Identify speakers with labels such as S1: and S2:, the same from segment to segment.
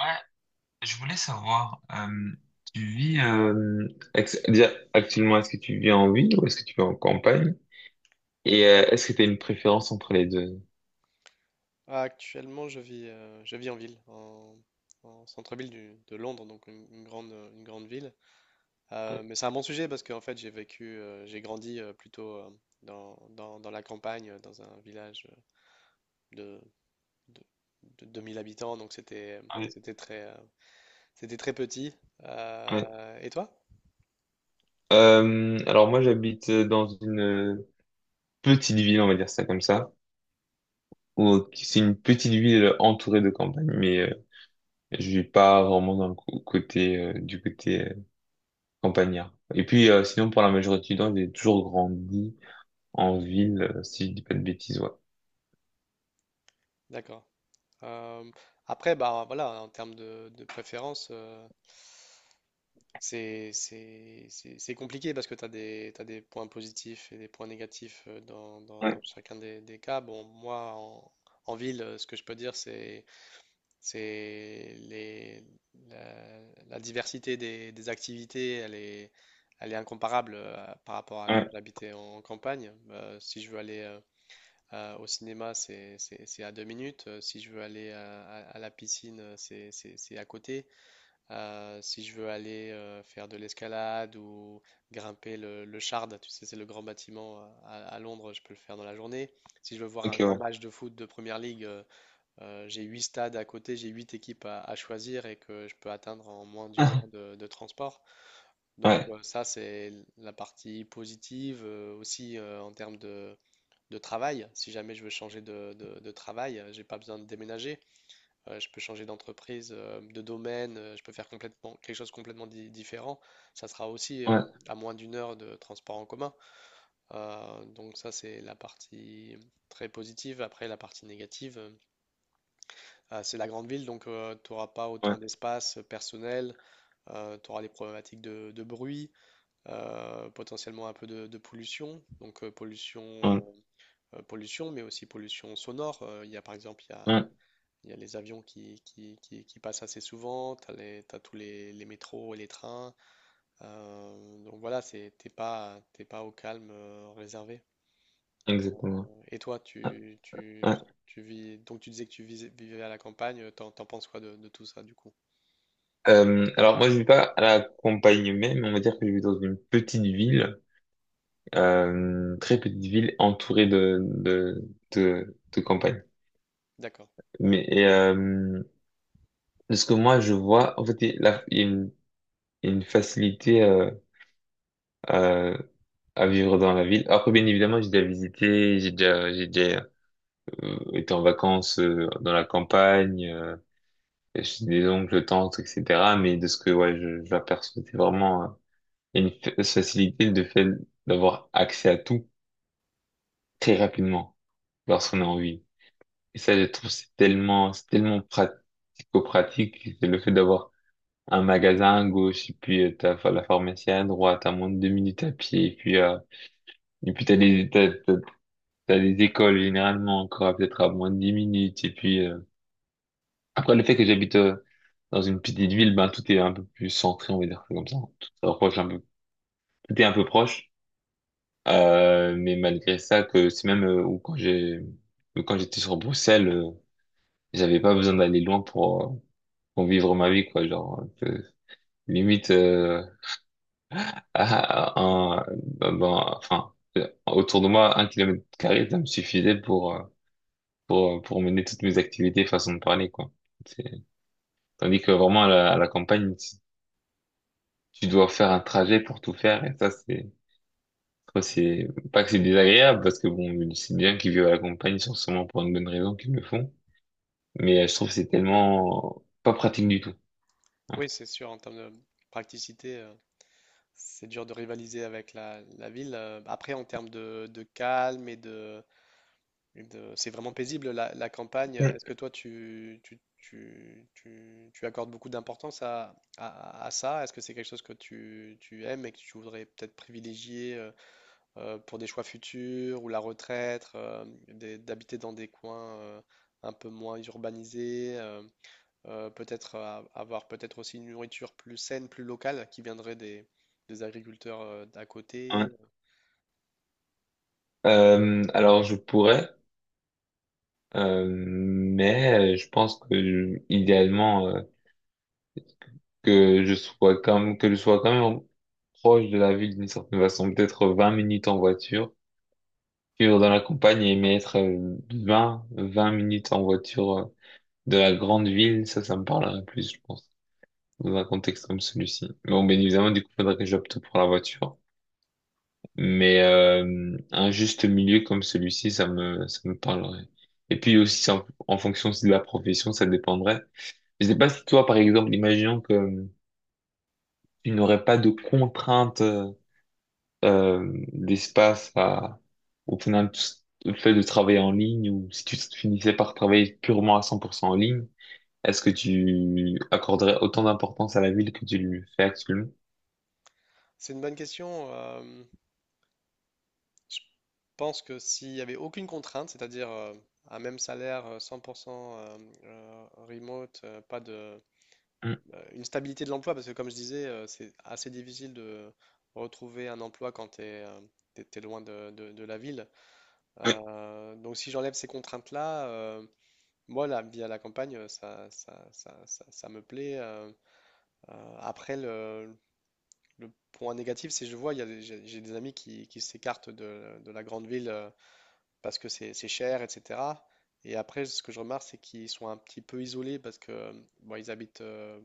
S1: Ouais, je voulais savoir, tu vis déjà, actuellement, est-ce que tu vis en ville ou est-ce que tu vis en campagne? Et est-ce que tu as une préférence entre les deux?
S2: Ah, actuellement, je vis en ville, en centre-ville de Londres, donc une grande ville.
S1: Ouais,
S2: Mais c'est un bon sujet parce qu'en fait, j'ai grandi plutôt dans la campagne, dans un village de, de, de 2000 habitants, donc
S1: ouais,
S2: c'était très, euh, c'était très petit.
S1: ouais.
S2: Et toi?
S1: Alors moi, j'habite dans une petite ville, on va dire ça comme ça, où c'est une petite ville entourée de campagne, mais je vis pas vraiment dans le côté du côté campagnard. Et puis sinon, pour la majorité du temps, j'ai toujours grandi en ville, si je dis pas de bêtises, ouais.
S2: D'accord. Euh, Après, bah voilà, en termes de préférence. C'est compliqué parce que t'as des points positifs et des points négatifs dans
S1: Ouais,
S2: chacun des cas. Bon, moi, en ville, ce que je peux dire, c'est c'est les- la, la diversité des activités, elle est incomparable par rapport à quand
S1: ouais,
S2: j'habitais en campagne. Si je veux aller au cinéma, c'est à 2 minutes. Si je veux aller à la piscine, c'est à côté. Si je veux aller faire de l'escalade ou grimper le Shard, tu sais, c'est le grand bâtiment à Londres, je peux le faire dans la journée. Si je veux voir un grand
S1: ok,
S2: match de foot de Première Ligue, j'ai huit stades à côté, j'ai huit équipes à choisir et que je peux atteindre en moins
S1: ouais.
S2: d'une heure de transport. Donc
S1: Ouais,
S2: ça, c'est la partie positive aussi en termes de travail. Si jamais je veux changer de travail, j'ai pas besoin de déménager. Je peux changer d'entreprise, de domaine, je peux faire complètement quelque chose complètement différent. Ça sera aussi
S1: ouais,
S2: à moins d'une heure de transport en commun. Donc ça, c'est la partie très positive. Après, la partie négative, ah, c'est la grande ville, donc tu n'auras pas
S1: ouais,
S2: autant d'espace personnel, tu auras des problématiques de bruit, potentiellement un peu de pollution, donc
S1: ouais,
S2: pollution, mais aussi pollution sonore. Il y a par exemple, il y a
S1: ouais,
S2: il y a les avions qui passent assez souvent, t'as tous les métros et les trains. Donc voilà, t'es pas au calme réservé.
S1: exactement.
S2: Et toi,
S1: Ouais,
S2: tu, tu,
S1: ouais.
S2: tu vis, donc tu disais que tu vivais à la campagne, t'en penses quoi de tout ça du coup?
S1: Alors moi je vis pas à la campagne même, on va dire que je vis dans une petite ville, très petite ville entourée de campagne.
S2: D'accord.
S1: Mais et, euh, de ce que moi je vois, en fait il y a il y a une facilité à, à vivre dans la ville. Après bien évidemment j'ai déjà visité, j'ai déjà été en vacances dans la campagne. J'ai des oncles, tantes, etc. Mais de ce que ouais, j'aperçois, c'est vraiment une facilité de fait d'avoir accès à tout très rapidement lorsqu'on a envie. Et ça, je trouve, c'est tellement pratico-pratique. C'est le fait d'avoir un magasin à gauche, et puis la pharmacie à droite, à moins de 2 minutes à pied, et puis t'as des écoles généralement encore à peut-être à moins de 10 minutes, et puis, après, le fait que j'habite dans une petite ville, ben, tout est un peu plus centré, on va dire ça comme ça. Tout est un peu proche. Mais malgré ça, que c'est même où quand j'ai, que quand j'étais sur Bruxelles, j'avais pas besoin d'aller loin pour vivre ma vie, quoi. Genre, limite, à, à- un, ben, ben, enfin, autour de moi, 1 kilomètre carré, ça me suffisait pour, pour mener toutes mes activités, façon de parler, quoi. C'est- Tandis que vraiment à la campagne, tu dois faire un trajet pour tout faire et ça c'est après, c'est pas que c'est désagréable parce que bon c'est bien qu'ils vivent à la campagne ils sont sûrement pour une bonne raison qu'ils le font mais je trouve que c'est tellement pas pratique du tout hein.
S2: Oui, c'est sûr, en termes de praticité, c'est dur de rivaliser avec la ville. Après, en termes de calme c'est vraiment paisible la campagne.
S1: Mm.
S2: Est-ce que toi tu accordes beaucoup d'importance à ça? Est-ce que c'est quelque chose que tu aimes et que tu voudrais peut-être privilégier pour des choix futurs ou la retraite, d'habiter dans des coins un peu moins urbanisés, peut-être avoir peut-être aussi une nourriture plus saine, plus locale qui viendrait des agriculteurs d'à
S1: Ouais.
S2: côté?
S1: Alors je pourrais je pense que idéalement que je sois quand même, que je sois quand même proche de la ville d'une certaine façon peut-être 20 minutes en voiture vivre dans la campagne et m'y être 20 20 minutes en voiture de la grande ville, ça me parlerait plus, je pense, dans un contexte comme celui-ci. Bon, bien évidemment, du coup, faudrait que j'opte pour la voiture. Mais un juste milieu comme celui-ci, ça me parlerait. Et puis aussi, c'est en fonction aussi de la profession, ça dépendrait. Je sais pas si toi, par exemple, imaginons que tu n'aurais pas de contraintes d'espace au final, le fait de travailler en ligne ou si tu finissais par travailler purement à 100% en ligne, est-ce que tu accorderais autant d'importance à la ville que tu le fais actuellement?
S2: C'est une bonne question. Je pense que s'il n'y avait aucune contrainte, c'est-à-dire un même salaire, 100% remote, pas de,
S1: Mm.
S2: une stabilité de l'emploi, parce que comme je disais, c'est assez difficile de retrouver un emploi quand tu es loin de la ville.
S1: Oui,
S2: Donc si j'enlève ces contraintes-là, moi, la vie à la campagne, ça me plaît. Après, le point négatif, c'est que je vois, il y a des- j'ai des amis qui s'écartent de la grande ville parce que c'est cher, etc. Et après, ce que je remarque, c'est qu'ils sont un petit peu isolés parce que bon, ils habitent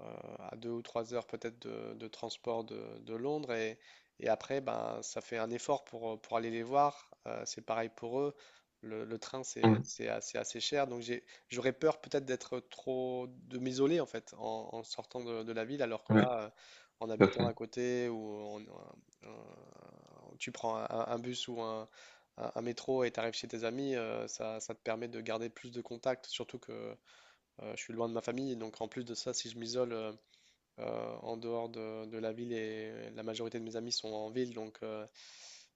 S2: euh, à 2 ou 3 heures peut-être de transport de Londres et après, ben, ça fait un effort pour aller les voir. C'est pareil pour eux. Le train,
S1: oui,
S2: c'est assez cher. Donc j'aurais peur peut-être d'être trop, de m'isoler en fait en sortant de la ville, alors que
S1: oui,
S2: là, en
S1: tout à
S2: habitant
S1: fait.
S2: à côté ou en, tu prends un bus ou un métro et tu arrives chez tes amis, ça, ça te permet de garder plus de contacts, surtout que je suis loin de ma famille. Donc en plus de ça, si je m'isole en dehors de la ville et la majorité de mes amis sont en ville, donc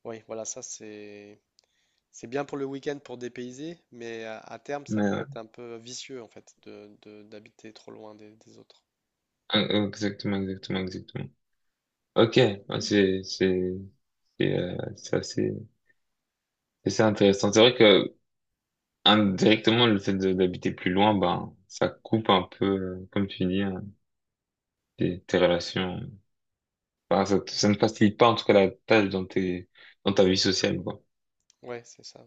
S2: oui, voilà, ça c'est bien pour le week-end pour dépayser, mais à terme, ça
S1: Mais
S2: peut
S1: ouais.
S2: être un peu vicieux en fait d'habiter trop loin des autres.
S1: Exactement, exactement, exactement. Ok, ouais, c'est euh, c'est assez c'est assez intéressant. C'est vrai que indirectement le fait d'habiter plus loin, ben ça coupe un peu, comme tu dis, hein, tes relations. Enfin, ça ne facilite pas en tout cas la tâche dans ta vie sociale, quoi.
S2: Ouais, c'est ça.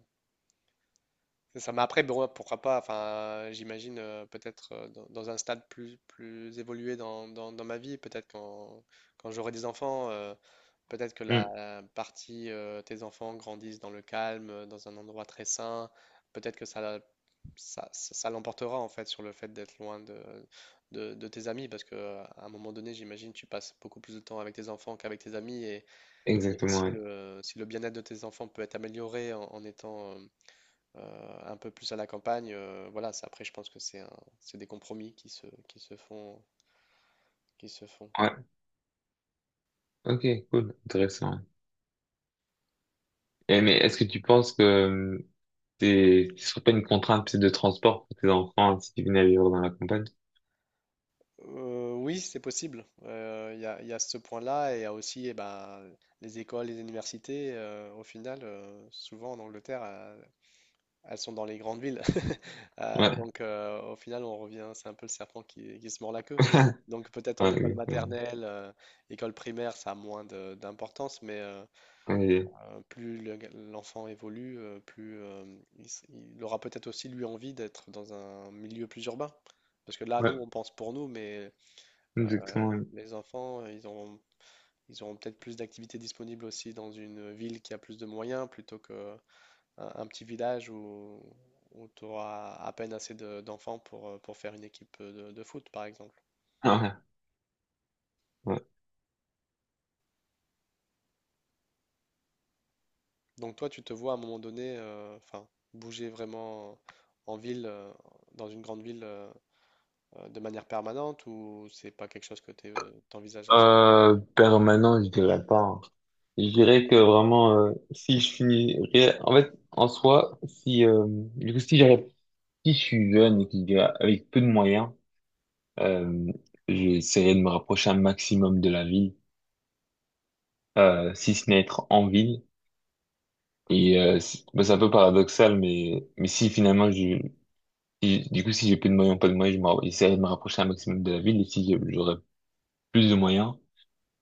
S2: C'est ça. Mais après, bon, pourquoi pas, enfin, j'imagine peut-être dans un stade plus évolué dans ma vie, peut-être quand j'aurai des enfants, peut-être que la
S1: Mm.
S2: la partie tes enfants grandissent dans le calme, dans un endroit très sain, peut-être que ça l'emportera en fait sur le fait d'être loin de tes amis, parce que à un moment donné, j'imagine, tu passes beaucoup plus de temps avec tes enfants qu'avec tes amis, et
S1: Exactement,
S2: si
S1: ouais.
S2: si le bien-être de tes enfants peut être amélioré en étant un peu plus à la campagne. Voilà, ça, après, je pense que c'est des compromis qui se font.
S1: Ouais, ok, cool, intéressant. Et, mais est-ce que tu penses que c'est, ce serait une contrainte peut de transport pour tes enfants si tu venais à vivre dans la campagne.
S2: Oui, c'est possible. Il y a ce point-là et il y a aussi eh ben, les écoles, les universités. Au final, souvent en Angleterre, elles sont dans les grandes villes.
S1: Ouais.
S2: Donc, au final, on revient, c'est un peu le serpent qui se mord la queue. Donc, peut-être en école
S1: Ouais,
S2: maternelle, école primaire, ça a moins d'importance, mais plus l'enfant évolue, plus il aura peut-être aussi lui envie d'être dans un milieu plus urbain. Parce que là,
S1: Ouais,
S2: nous, on
S1: ouais,
S2: pense pour nous, mais
S1: exactement. Oui.
S2: les enfants, ils auront peut-être plus d'activités disponibles aussi dans une ville qui a plus de moyens plutôt que un petit village où, tu auras à peine assez d'enfants pour faire une équipe de foot, par exemple.
S1: Ah ouais, ouais.
S2: Donc toi, tu te vois à un moment donné, enfin, bouger vraiment en ville, dans une grande ville. De manière permanente ou c'est pas quelque chose que tu t'envisages à ce moment?
S1: Permanent, je dirais pas. Hein. Je dirais que vraiment, si je finirais, en fait, en soi, si, du coup, si j'arrive- si je suis jeune et que je dirais avec peu de moyens, euh, j'essaierai de me rapprocher un maximum de la ville, si ce n'est être en ville. Et bah, c'est un peu paradoxal, mais si finalement, je, si- du coup, si j'ai plus de moyens, pas de moyens, j'essaierai de me rapprocher un maximum de la ville. Et si j'aurais plus de moyens,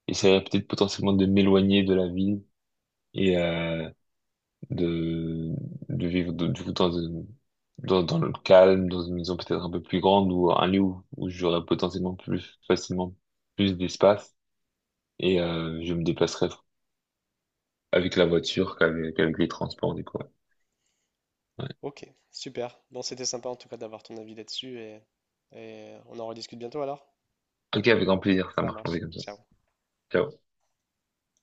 S1: j'essaierai peut-être potentiellement de m'éloigner de la ville et de, de vivre du coup dans le calme, dans une maison peut-être un peu plus grande ou un lieu où, où j'aurais potentiellement plus facilement plus d'espace. Et je me déplacerai avec la voiture qu'avec les transports, du coup. Ouais. Ouais.
S2: Ok, super. Bon, c'était sympa en tout cas d'avoir ton avis là-dessus et on en rediscute bientôt alors.
S1: Ok, avec grand plaisir, ça
S2: Ça
S1: marche, on fait
S2: marche.
S1: comme ça.
S2: Ciao.
S1: Ciao.